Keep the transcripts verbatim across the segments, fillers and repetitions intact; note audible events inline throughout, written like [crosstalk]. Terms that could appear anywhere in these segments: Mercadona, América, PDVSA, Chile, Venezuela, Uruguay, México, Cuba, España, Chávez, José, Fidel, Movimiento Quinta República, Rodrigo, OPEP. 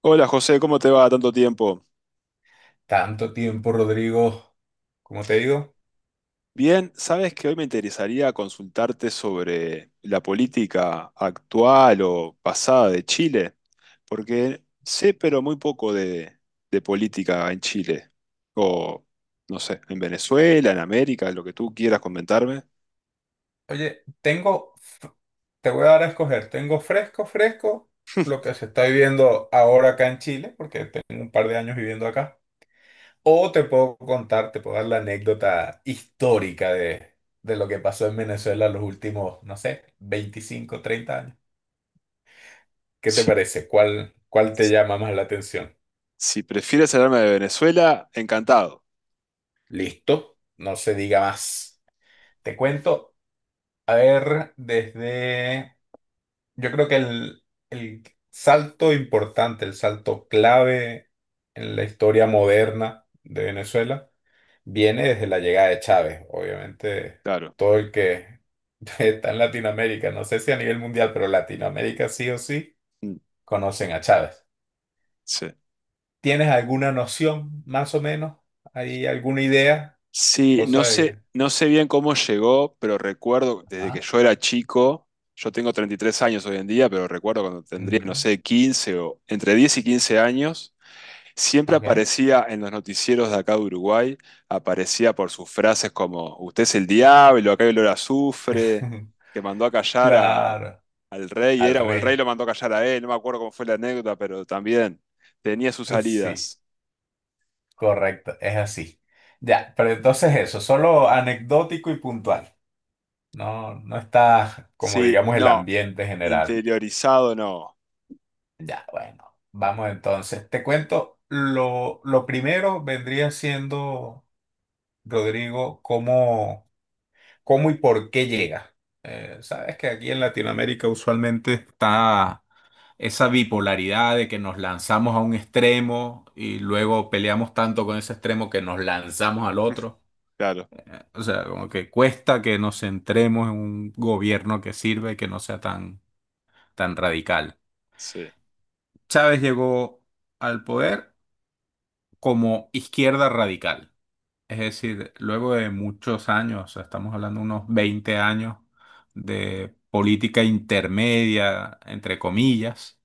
Hola José, ¿cómo te va? Tanto tiempo. Tanto tiempo, Rodrigo. Como te digo, Bien, sabes que hoy me interesaría consultarte sobre la política actual o pasada de Chile, porque sé pero muy poco de, de política en Chile, o no sé, en Venezuela, en América, lo que tú quieras comentarme. oye, tengo, f- te voy a dar a escoger, tengo fresco, fresco, lo [laughs] que se está viviendo ahora acá en Chile, porque tengo un par de años viviendo acá, o te puedo contar, te puedo dar la anécdota histórica de, de lo que pasó en Venezuela los últimos, no sé, veinticinco treinta años. ¿Qué te Si, parece? ¿Cuál, cuál te llama más la atención? si prefieres hablarme de Venezuela, encantado, Listo, no se diga más. Te cuento, a ver, desde. Yo creo que el, el salto importante, el salto clave en la historia moderna de Venezuela viene desde la llegada de Chávez. Obviamente, claro. todo el que [laughs] está en Latinoamérica, no sé si a nivel mundial, pero Latinoamérica sí o sí, Mm. conocen a Chávez. Sí. ¿Tienes alguna noción, más o menos? ¿Hay alguna idea? Sí, Cosa no de sé, que. no sé bien cómo llegó, pero recuerdo desde que Ah, yo era chico, yo tengo treinta y tres años hoy en día, pero recuerdo cuando tendría, mm, no ya, sé, quince o entre diez y quince años, siempre ok. aparecía en los noticieros de acá de Uruguay, aparecía por sus frases como, usted es el diablo, acá hay olor a azufre, [laughs] que mandó a callar a, Claro, al rey, al era, o el rey rey. lo mandó a callar a él, no me acuerdo cómo fue la anécdota, pero también tenía sus Sí. salidas. Correcto, es así. Ya, pero entonces eso, solo anecdótico y puntual. No, no está como Sí, digamos el no, ambiente general. interiorizado no. Ya, bueno, vamos entonces. Te cuento, lo, lo primero vendría siendo, Rodrigo, cómo, cómo y por qué llega. Eh, sabes que aquí en Latinoamérica usualmente está esa bipolaridad de que nos lanzamos a un extremo y luego peleamos tanto con ese extremo que nos lanzamos al otro. Claro, Eh, O sea, como que cuesta que nos centremos en un gobierno que sirve, que no sea tan, tan radical. sí. Él Chávez llegó al poder como izquierda radical. Es decir, luego de muchos años, o sea, estamos hablando de unos veinte años de política intermedia, entre comillas,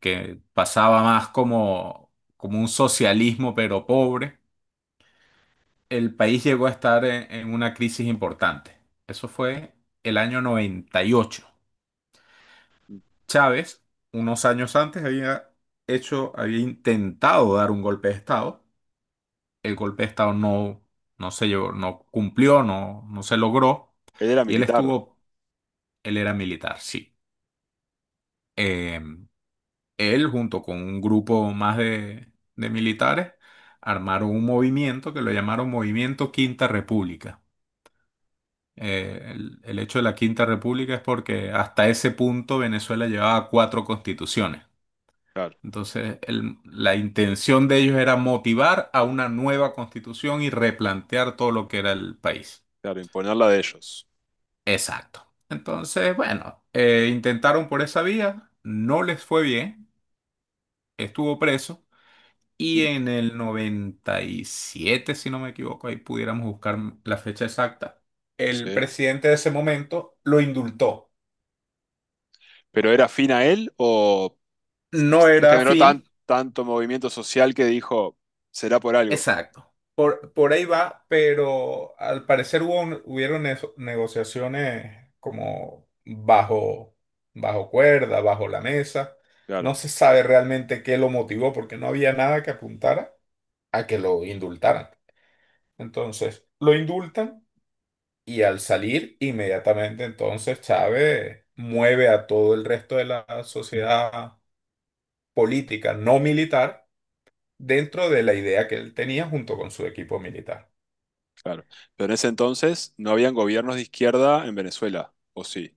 que pasaba más como, como un socialismo pero pobre, el país llegó a estar en en una crisis importante. Eso fue el año noventa y ocho. Chávez, unos años antes, había hecho, había intentado dar un golpe de Estado. El golpe de Estado no, no se llevó, no cumplió, no, no se logró. era Y él militar, estuvo, él era militar, sí. Eh, Él, junto con un grupo más de, de militares, armaron un movimiento que lo llamaron Movimiento Quinta República. Eh, el el hecho de la Quinta República es porque hasta ese punto Venezuela llevaba cuatro constituciones. claro, Entonces, el- la intención de ellos era motivar a una nueva constitución y replantear todo lo que era el país. claro, imponerla de ellos. Exacto. Entonces, bueno, eh, intentaron por esa vía, no les fue bien, estuvo preso y Mm. en el noventa y siete, si no me equivoco, ahí pudiéramos buscar la fecha exacta, el Sí. presidente de ese momento lo indultó. ¿Pero era afín a él o No se era generó afín. tan, tanto movimiento social que dijo, será por algo? Exacto. Por, por ahí va, pero al parecer hubo un- hubieron eso- negociaciones como bajo, bajo cuerda, bajo la mesa. No Claro, se sabe realmente qué lo motivó porque no había nada que apuntara a que lo indultaran. Entonces, lo indultan y al salir, inmediatamente entonces Chávez mueve a todo el resto de la sociedad política no militar dentro de la idea que él tenía junto con su equipo militar. claro. Pero en ese entonces no habían gobiernos de izquierda en Venezuela, ¿o sí?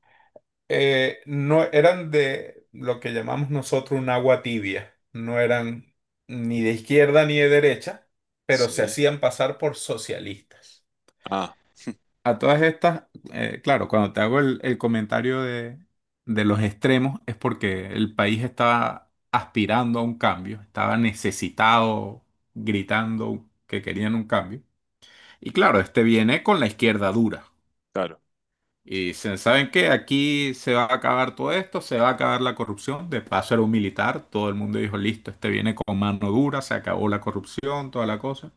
eh, No eran de lo que llamamos nosotros un agua tibia, no eran ni de izquierda ni de derecha, pero se Sí. hacían pasar por socialistas. Ah, A todas estas, eh, claro, cuando te hago el, el comentario de, de los extremos es porque el país estaba aspirando a un cambio, estaba necesitado, gritando que querían un cambio. Y claro, este viene con la izquierda dura. claro. Y dicen, ¿saben qué? Aquí se va a acabar todo esto, se va a acabar la corrupción. De paso era un militar, todo el mundo dijo, listo, este viene con mano dura, se acabó la corrupción, toda la cosa.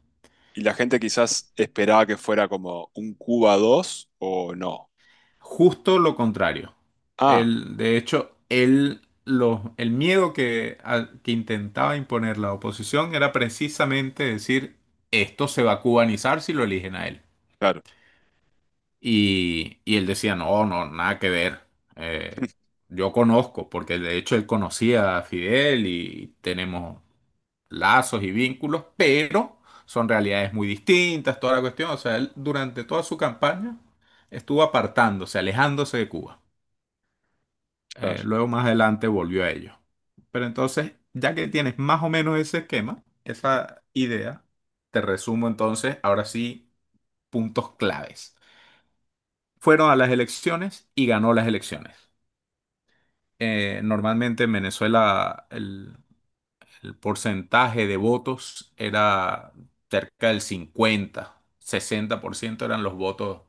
Y la gente quizás esperaba que fuera como un Cuba dos o no. Justo lo contrario. Ah, El, de hecho, el, lo- el miedo que, al- que intentaba imponer la oposición era precisamente decir, esto se va a cubanizar si lo eligen a él. claro, Y, y él decía, no, no, nada que ver. Eh, [laughs] yo conozco, porque de hecho él conocía a Fidel y tenemos lazos y vínculos, pero son realidades muy distintas, toda la cuestión. O sea, él durante toda su campaña estuvo apartándose, alejándose de Cuba. Eh, claro. Luego más adelante volvió a ello. Pero entonces, ya que tienes más o menos ese esquema, esa idea, te resumo entonces, ahora sí, puntos claves. Fueron a las elecciones y ganó las elecciones. Eh, normalmente en Venezuela el, el porcentaje de votos era cerca del cincuenta, sesenta por ciento eran los votos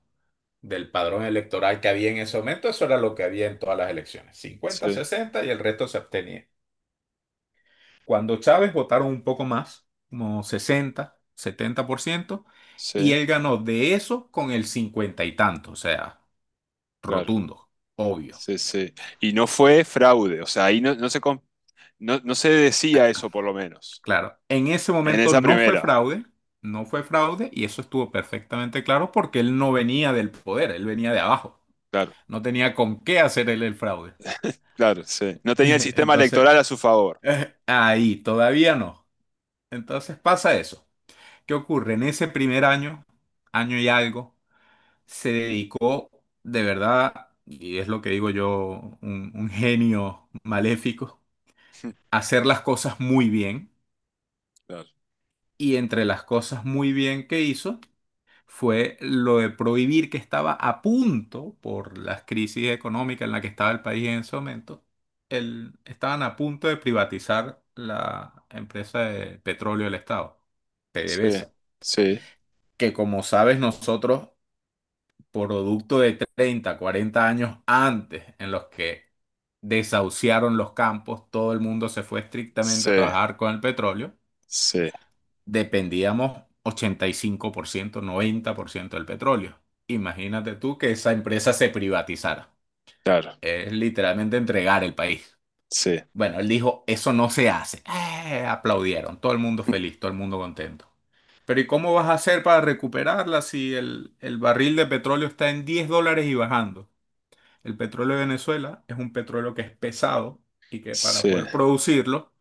del padrón electoral que había en ese momento. Eso era lo que había en todas las elecciones, cincuenta, Sí, sesenta y el resto se abstenía. Cuando Chávez votaron un poco más, como sesenta, setenta por ciento y sí, él ganó de eso con el cincuenta y tanto, o sea, claro. rotundo, obvio. Sí, sí. Y no fue fraude, o sea, ahí no, no se, com- no, no se decía eso por lo menos. Claro, en ese En momento esa no fue primera, fraude, no fue fraude y eso estuvo perfectamente claro porque él no venía del poder, él venía de abajo, claro, no tenía con qué hacer él el fraude. claro, sí. No [laughs] tenía el sistema Entonces, electoral a su favor. eh, ahí, todavía no. Entonces pasa eso. ¿Qué ocurre? En ese primer año, año y algo, se dedicó de verdad, y es lo que digo yo, un, un genio maléfico, [laughs] a hacer las cosas muy bien Claro. y entre las cosas muy bien que hizo, fue lo de prohibir que estaba a punto, por las crisis económicas en la que estaba el país en ese momento, el- estaban a punto de privatizar la empresa de petróleo del Estado, Sí, PDVSA, sí, que como sabes nosotros, producto de treinta cuarenta años antes en los que desahuciaron los campos, todo el mundo se fue estrictamente sí, a trabajar con el petróleo, sí, dependíamos ochenta y cinco por ciento, noventa por ciento del petróleo. Imagínate tú que esa empresa se privatizara. claro, Es literalmente entregar el país. sí, Bueno, él dijo, eso no se hace. Eh, aplaudieron, todo el mundo feliz, [laughs] todo el mundo contento. Pero ¿y cómo vas a hacer para recuperarla si el, el barril de petróleo está en diez dólares y bajando? El petróleo de Venezuela es un petróleo que es pesado y que para sí. poder producirlo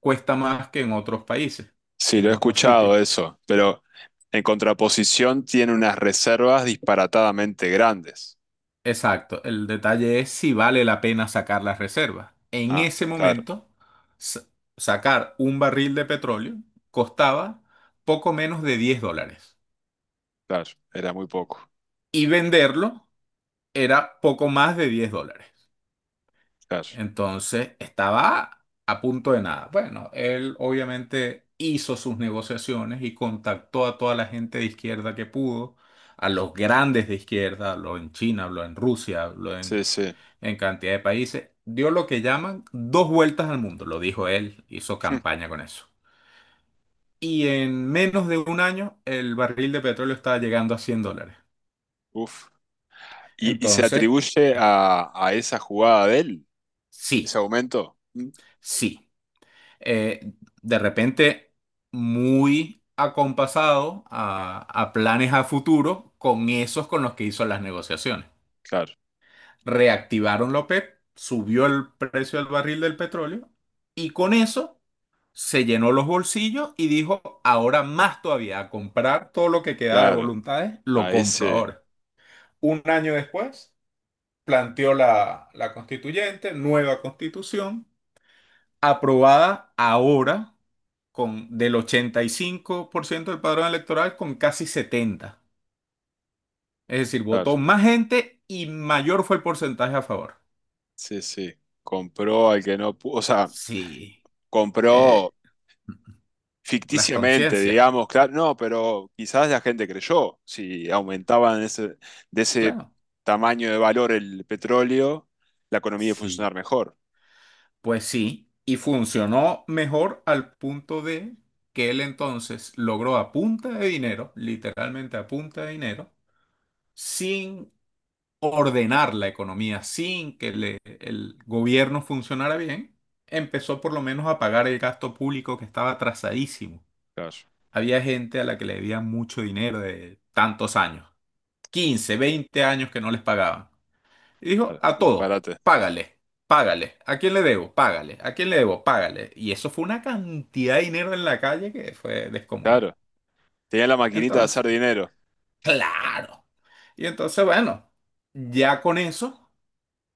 cuesta más que en otros países, que Sí, lo en he otros sitios. escuchado eso, pero en contraposición tiene unas reservas disparatadamente grandes. Exacto, el detalle es si vale la pena sacar las reservas. En Ah, ese claro, momento, sa- sacar un barril de petróleo costaba poco menos de diez dólares claro, era muy poco, y venderlo era poco más de diez dólares. claro. Entonces estaba a punto de nada. Bueno, él obviamente hizo sus negociaciones y contactó a toda la gente de izquierda que pudo, a los grandes de izquierda, habló en China, habló en Rusia, habló Sí, en, sí. en cantidad de países. Dio lo que llaman dos vueltas al mundo, lo dijo él, hizo [laughs] campaña con eso. Y en menos de un año el barril de petróleo estaba llegando a cien dólares. Uf. ¿Y, y se Entonces, atribuye a, a esa jugada de él, ese sí, aumento? Mm. sí. eh, de repente muy acompasado a, a planes a futuro con esos con los que hizo las negociaciones. Claro, Reactivaron la OPEP, subió el precio del barril del petróleo y con eso se llenó los bolsillos y dijo, ahora más todavía, a comprar todo lo que queda de claro, voluntades, lo a compro ese, ahora. Un año después, planteó la, la constituyente, nueva constitución, aprobada ahora con del ochenta y cinco por ciento del padrón electoral con casi setenta. Es decir, claro, votó más gente y mayor fue el porcentaje a favor. sí, sí. Compró al que no pudo, o sea, Sí, compró eh, las ficticiamente, conciencias, digamos, claro, no, pero quizás la gente creyó, si aumentaban ese, de ese claro. tamaño de valor el petróleo, la economía iba a Sí. funcionar mejor. Pues sí, y funcionó mejor al punto de que él entonces logró a punta de dinero, literalmente a punta de dinero, sin ordenar la economía sin que le- el gobierno funcionara bien, empezó por lo menos a pagar el gasto público que estaba atrasadísimo. Claro, Había gente a la que le debían mucho dinero de tantos años, quince veinte años que no les pagaban. Y dijo, claro, a todos, disparate. págale, págale. ¿A quién le debo? Págale. ¿A quién le debo? Págale. Y eso fue una cantidad de dinero en la calle que fue descomunal. Claro, tenían la maquinita de Entonces, hacer dinero. claro. Y entonces, bueno, ya con eso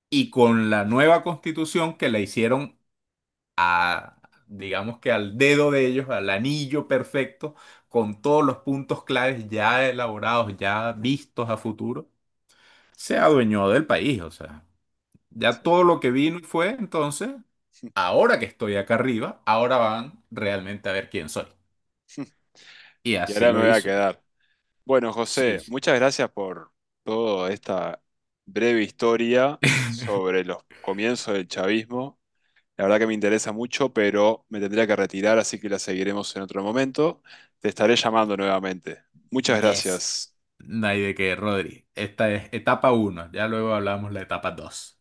y con la nueva constitución que la hicieron a, digamos que al dedo de ellos, al anillo perfecto, con todos los puntos claves ya elaborados, ya vistos a futuro, se adueñó del país, o sea, ya Sí, todo claro. lo que vino y fue, entonces, ahora que estoy acá arriba, ahora van realmente a ver quién soy. Y Y así ahora me lo voy a hizo. quedar. Bueno, Sí, José, sí. muchas gracias por toda esta breve historia [laughs] sobre los comienzos del chavismo. La verdad que me interesa mucho, pero me tendría que retirar, así que la seguiremos en otro momento. Te estaré llamando nuevamente. Muchas Yes. gracias. No hay de qué, Rodri. Esta es etapa uno. Ya luego hablamos la etapa dos.